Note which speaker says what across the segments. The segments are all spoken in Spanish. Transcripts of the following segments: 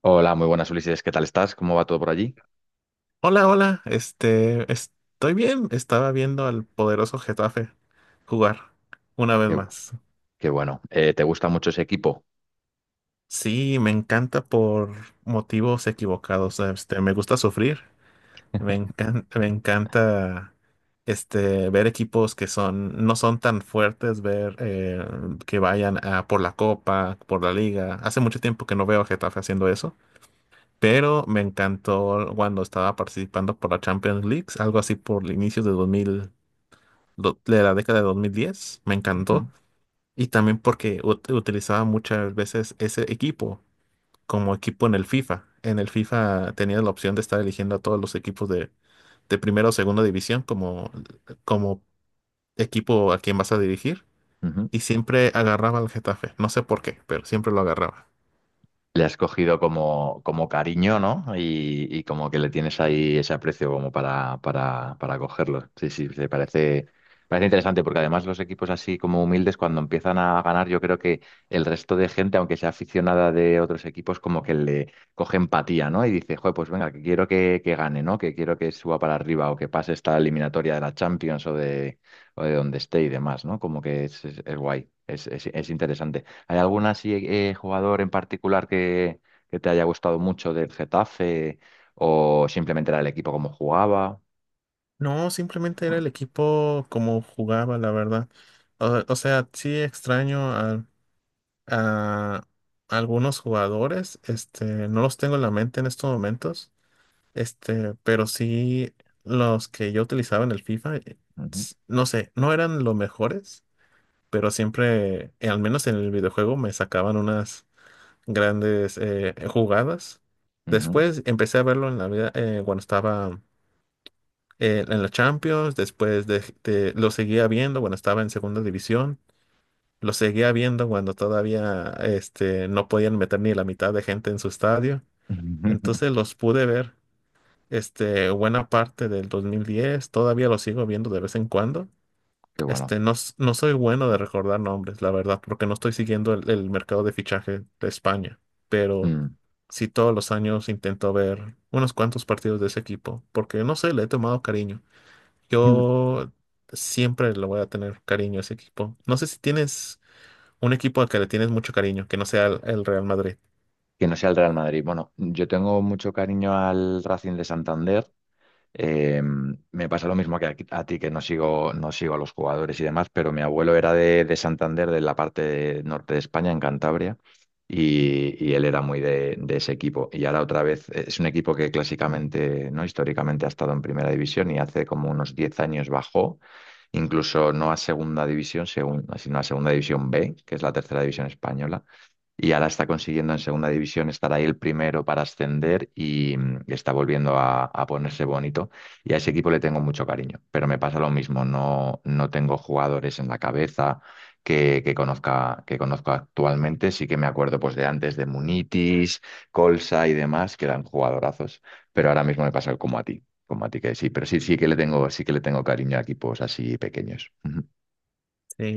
Speaker 1: Hola, muy buenas Ulises, ¿qué tal estás? ¿Cómo va todo por allí?
Speaker 2: Hola. Estoy bien. Estaba viendo al poderoso Getafe jugar una vez
Speaker 1: Qué,
Speaker 2: más.
Speaker 1: qué bueno. ¿Te gusta mucho ese equipo?
Speaker 2: Sí, me encanta por motivos equivocados. Me gusta sufrir. Me encanta ver equipos que son, no son tan fuertes, ver que vayan a por la copa, por la liga. Hace mucho tiempo que no veo a Getafe haciendo eso, pero me encantó cuando estaba participando por la Champions League, algo así por el inicio de 2000. De la década de 2010, me encantó.
Speaker 1: Ujú,
Speaker 2: Y también porque utilizaba muchas veces ese equipo como equipo en el FIFA. En el FIFA tenía la opción de estar eligiendo a todos los equipos de primera o segunda división como equipo a quien vas a dirigir.
Speaker 1: ujú.
Speaker 2: Y siempre agarraba al Getafe. No sé por qué, pero siempre lo agarraba.
Speaker 1: Le has cogido como cariño, ¿no? Y como que le tienes ahí ese aprecio como para, para cogerlo. Sí, sí, se parece interesante porque además los equipos así como humildes cuando empiezan a ganar, yo creo que el resto de gente, aunque sea aficionada de otros equipos, como que le coge empatía, ¿no? Y dice, joder, pues venga, que quiero que gane, ¿no? Que quiero que suba para arriba o que pase esta eliminatoria de la Champions o de donde esté y demás, ¿no? Como que es guay, es interesante. ¿Hay algún así jugador en particular que te haya gustado mucho del Getafe o simplemente era el equipo como jugaba?
Speaker 2: No, simplemente era el equipo como jugaba, la verdad. O sea, sí extraño a algunos jugadores. No los tengo en la mente en estos momentos. Pero sí los que yo utilizaba en el FIFA,
Speaker 1: Ujú,
Speaker 2: no sé, no eran los mejores, pero siempre, al menos en el videojuego, me sacaban unas grandes jugadas.
Speaker 1: ujú.
Speaker 2: Después empecé a verlo en la vida cuando estaba en la Champions, lo seguía viendo cuando estaba en segunda división. Lo seguía viendo cuando todavía no podían meter ni la mitad de gente en su estadio. Entonces los pude ver buena parte del 2010. Todavía los sigo viendo de vez en cuando.
Speaker 1: Qué bueno.
Speaker 2: No soy bueno de recordar nombres, la verdad, porque no estoy siguiendo el mercado de fichaje de España. Pero
Speaker 1: Mm.
Speaker 2: sí todos los años intento ver unos cuantos partidos de ese equipo, porque no sé, le he tomado cariño. Yo siempre le voy a tener cariño a ese equipo. No sé si tienes un equipo al que le tienes mucho cariño, que no sea el Real Madrid.
Speaker 1: Que no sea el Real Madrid. Bueno, yo tengo mucho cariño al Racing de Santander. Eh, Me pasa lo mismo que a ti, que no sigo, no sigo a los jugadores y demás, pero mi abuelo era de Santander, de la parte norte de España, en Cantabria, y él era muy de ese equipo. Y ahora otra vez es un equipo que clásicamente, ¿no? Históricamente ha estado en primera división y hace como unos 10 años bajó, incluso no a segunda división, según, sino a segunda división B, que es la tercera división española, y ahora está consiguiendo en segunda división estar ahí el primero para ascender y, mm, está volviendo a ponerse bonito. Y a ese equipo le tengo mucho cariño, pero me pasa lo mismo, no, no tengo jugadores en la cabeza que conozca, que conozco actualmente. Sí que me acuerdo pues, de antes, de Munitis, Colsa y demás, que eran jugadorazos, pero ahora mismo me pasa como a ti. Como a ti que sí, pero sí, sí que le tengo, sí que le tengo cariño a equipos así pequeños. Ujú.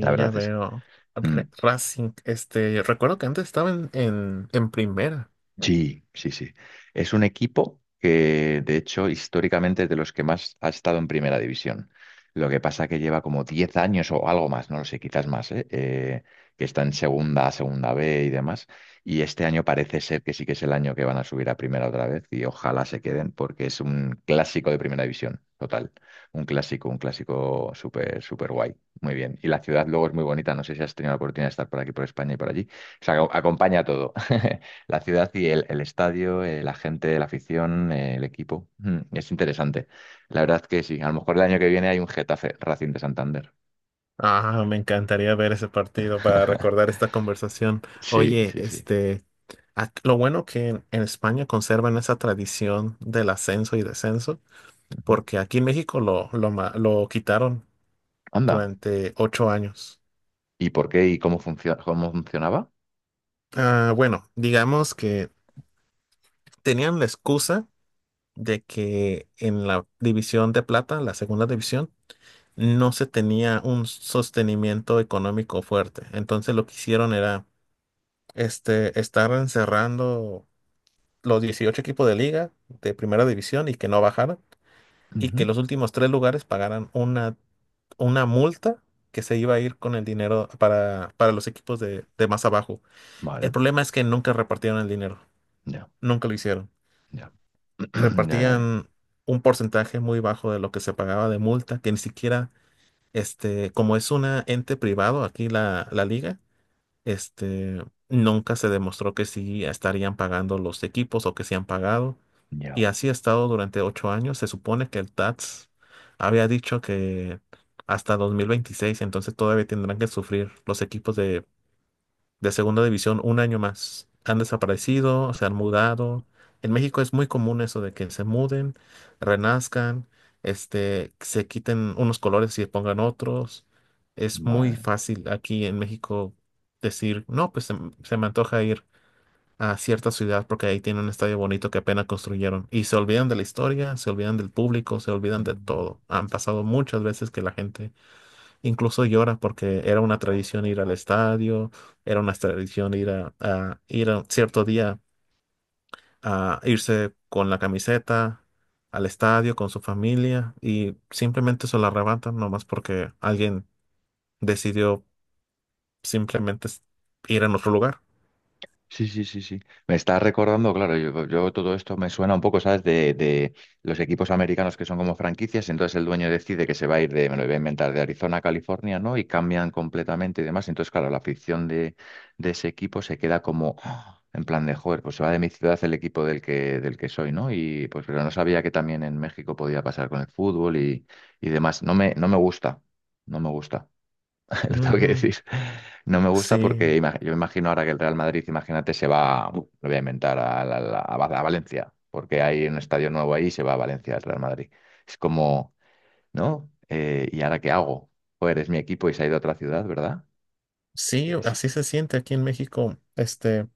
Speaker 1: La
Speaker 2: ya
Speaker 1: verdad es.
Speaker 2: veo.
Speaker 1: Mm.
Speaker 2: Racing, recuerdo que antes estaba en primera.
Speaker 1: Sí, sí, sí. Es un equipo que, de hecho, históricamente es de los que más ha estado en primera división. Lo que pasa que lleva como 10 años o algo más, no lo sé, quizás más, ¿eh? Que está en segunda B y demás. Y este año parece ser que sí que es el año que van a subir a primera otra vez y ojalá se queden porque es un clásico de primera división, total. Un clásico súper, súper guay. Muy bien. Y la ciudad luego es muy bonita. No sé si has tenido la oportunidad de estar por aquí, por España y por allí. O sea, acompaña todo. La ciudad y el estadio, la gente, la afición, el equipo. Mm, es interesante. La verdad que sí. A lo mejor el año que viene hay un Getafe Racing de Santander.
Speaker 2: Ah, me encantaría ver ese partido para recordar esta conversación.
Speaker 1: Sí,
Speaker 2: Oye,
Speaker 1: sí, sí.
Speaker 2: lo bueno que en España conservan esa tradición del ascenso y descenso,
Speaker 1: Ujú.
Speaker 2: porque aquí en México lo quitaron
Speaker 1: Anda.
Speaker 2: durante 8 años.
Speaker 1: ¿Y por qué y cómo funciona, cómo funcionaba?
Speaker 2: Ah, bueno, digamos que tenían la excusa de que en la división de plata, la segunda división, no se tenía un sostenimiento económico fuerte. Entonces lo que hicieron era estar encerrando los 18 equipos de liga de primera división y que no bajaran y que
Speaker 1: Ujú.
Speaker 2: los últimos tres lugares pagaran una multa que se iba a ir con el dinero para los equipos de más abajo. El
Speaker 1: Vale.
Speaker 2: problema es que nunca repartieron el dinero,
Speaker 1: Ya,
Speaker 2: nunca lo hicieron.
Speaker 1: ya. Ya, ya, ya.
Speaker 2: Repartían un porcentaje muy bajo de lo que se pagaba de multa, que ni siquiera, como es una ente privado aquí la liga, este, nunca se demostró que sí estarían pagando los equipos o que sí han pagado. Y
Speaker 1: Ya.
Speaker 2: así ha estado durante 8 años. Se supone que el TATS había dicho que hasta 2026, entonces todavía tendrán que sufrir los equipos de segunda división un año más. Han desaparecido, se han mudado. En México es muy común eso de que se muden, renazcan, se quiten unos colores y se pongan otros. Es muy
Speaker 1: Vale.
Speaker 2: fácil aquí en México decir, no, se me antoja ir a cierta ciudad porque ahí tiene un estadio bonito que apenas construyeron. Y se olvidan de la historia, se olvidan del público, se olvidan de todo. Han pasado muchas veces que la gente incluso llora porque era una tradición ir al estadio, era una tradición ir a cierto día a irse con la camiseta al estadio con su familia y simplemente se la arrebatan nomás porque alguien decidió simplemente s- ir a otro lugar.
Speaker 1: Sí, sí, sí, sí. Me está recordando, claro, yo todo esto me suena un poco, ¿sabes? De los equipos americanos que son como franquicias, entonces el dueño decide que se va a ir de, me lo voy a inventar, de Arizona a California, ¿no? Y cambian completamente y demás. Entonces, claro, la afición de ese equipo se queda como ¡ah! En plan de, joder, pues se va de mi ciudad el equipo del que soy, ¿no? Y pues, pero no sabía que también en México podía pasar con el fútbol y demás. No me gusta, no me gusta. Lo tengo que
Speaker 2: Ujú.
Speaker 1: decir. No me gusta
Speaker 2: Sí,
Speaker 1: porque yo me imagino ahora que el Real Madrid, imagínate, se va, lo voy a inventar, a, la- la- a Va- a Valencia, porque hay un estadio nuevo ahí y se va a Valencia el Real Madrid. Es como, ¿no? ¿Y ahora qué hago? Joder, es mi equipo y se ha ido a otra ciudad, ¿verdad?
Speaker 2: sí,
Speaker 1: Es-
Speaker 2: así se siente aquí en México.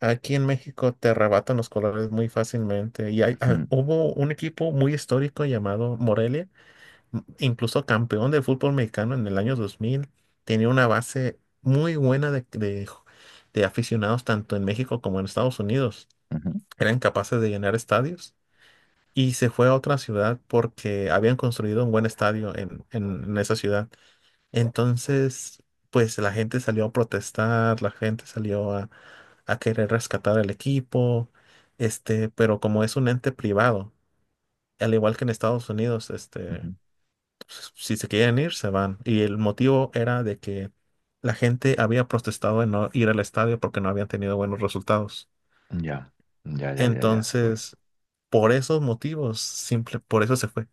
Speaker 2: Aquí en México te arrebatan los colores muy fácilmente. Y hay, ah,
Speaker 1: Mm,
Speaker 2: hubo un equipo muy histórico llamado Morelia, incluso campeón de fútbol mexicano en el año 2000, tenía una base muy buena de aficionados tanto en México como en Estados Unidos.
Speaker 1: ujú,
Speaker 2: Eran capaces de llenar estadios y se fue a otra ciudad porque habían construido un buen estadio en esa ciudad. Entonces, pues la gente salió a protestar, la gente salió a querer rescatar el equipo, pero como es un ente privado, al igual que en Estados Unidos,
Speaker 1: ujú.
Speaker 2: pues, si se quieren ir, se van. Y el motivo era de que la gente había protestado de no ir al estadio porque no habían tenido buenos resultados.
Speaker 1: Ya, ya, ya, ya, ya. Bueno.
Speaker 2: Entonces, por esos motivos, simple, por eso se fue.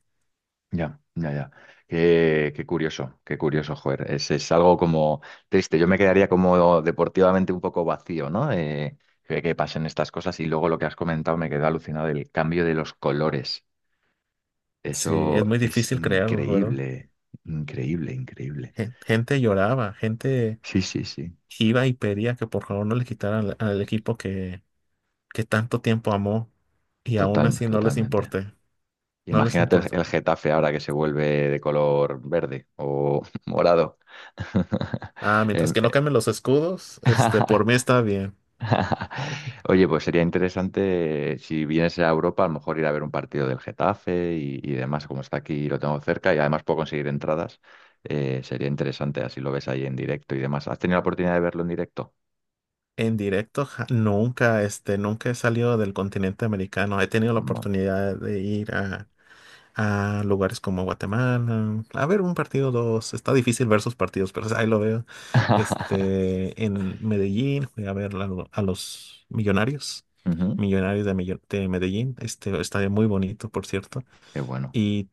Speaker 1: Ya, ya, ya. Qué, qué curioso, joder. Es algo como triste. Yo me quedaría como deportivamente un poco vacío, ¿no? Que pasen estas cosas. Y luego lo que has comentado me quedó alucinado, el cambio de los colores.
Speaker 2: Sí, es
Speaker 1: Eso
Speaker 2: muy
Speaker 1: es
Speaker 2: difícil creerlo, ¿verdad?
Speaker 1: increíble, increíble, increíble.
Speaker 2: Gente lloraba, gente
Speaker 1: Sí, sí, sí.
Speaker 2: iba y pedía que por favor no le quitaran al equipo que tanto tiempo amó y aún
Speaker 1: Total,
Speaker 2: así
Speaker 1: totalmente.
Speaker 2: no les
Speaker 1: Imagínate el,
Speaker 2: importó.
Speaker 1: el Getafe ahora que se vuelve de color verde o morado.
Speaker 2: Ah, mientras
Speaker 1: Em,
Speaker 2: que no cambien los escudos, por mí está bien.
Speaker 1: Oye, pues sería interesante si vienes a Europa, a lo mejor ir a ver un partido del Getafe y demás, como está aquí y lo tengo cerca y además puedo conseguir entradas. Sería interesante, así lo ves ahí en directo y demás. ¿Has tenido la oportunidad de verlo en directo?
Speaker 2: En directo, nunca, nunca he salido del continente americano. He tenido la
Speaker 1: No.
Speaker 2: oportunidad de ir a lugares como Guatemala, a ver un partido, dos. Está difícil ver sus partidos, pero ahí lo veo. En Medellín, fui a ver a los Millonarios,
Speaker 1: Ujú.
Speaker 2: De Medellín. Estadio muy bonito, por cierto.
Speaker 1: Qué bueno.
Speaker 2: Y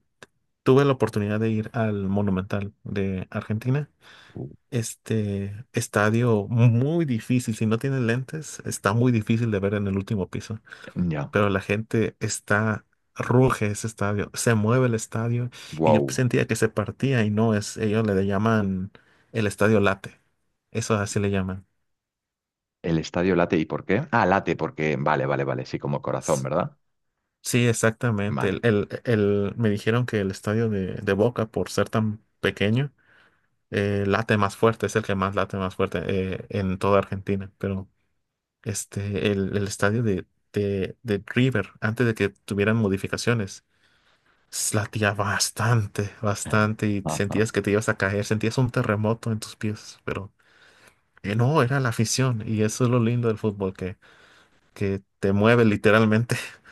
Speaker 2: tuve la oportunidad de ir al Monumental de Argentina,
Speaker 1: Uh.
Speaker 2: este estadio muy difícil. Si no tienes lentes, está muy difícil de ver en el último piso.
Speaker 1: Ya.
Speaker 2: Pero la gente está, ruge ese estadio, se mueve el estadio y yo
Speaker 1: Wow.
Speaker 2: sentía que se partía y no es, ellos le llaman el estadio late. Eso así le llaman.
Speaker 1: El estadio late, ¿y por qué? Ah, late, porque. Vale, vale, vale. Sí, como corazón,
Speaker 2: S-
Speaker 1: ¿verdad?
Speaker 2: Sí, exactamente.
Speaker 1: Vale.
Speaker 2: Me dijeron que el estadio de Boca, por ser tan pequeño, late más fuerte, es el que más late más fuerte en toda Argentina. Pero el estadio de River antes de que tuvieran modificaciones. Latía bastante, bastante y sentías que te ibas a caer, sentías un terremoto en tus pies, pero no, era la afición y eso es lo lindo del fútbol, que te mueve literalmente.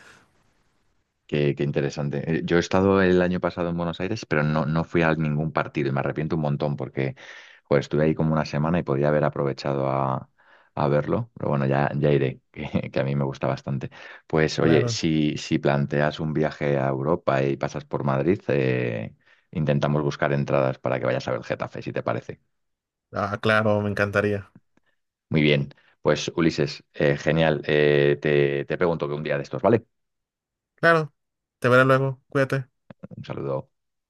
Speaker 1: Qué, qué interesante. Yo he estado el año pasado en Buenos Aires, pero no, no fui a ningún partido y me arrepiento un montón porque joder, estuve ahí como una semana y podría haber aprovechado a verlo. Pero bueno, ya, ya iré, que a mí me gusta bastante. Pues oye,
Speaker 2: Claro,
Speaker 1: si planteas un viaje a Europa y pasas por Madrid, intentamos buscar entradas para que vayas a ver Getafe, si te parece.
Speaker 2: ah, claro, me encantaría.
Speaker 1: Muy bien, pues Ulises, genial. Te pregunto que un día de estos, ¿vale?
Speaker 2: Claro, te veré luego, cuídate.
Speaker 1: Un saludo.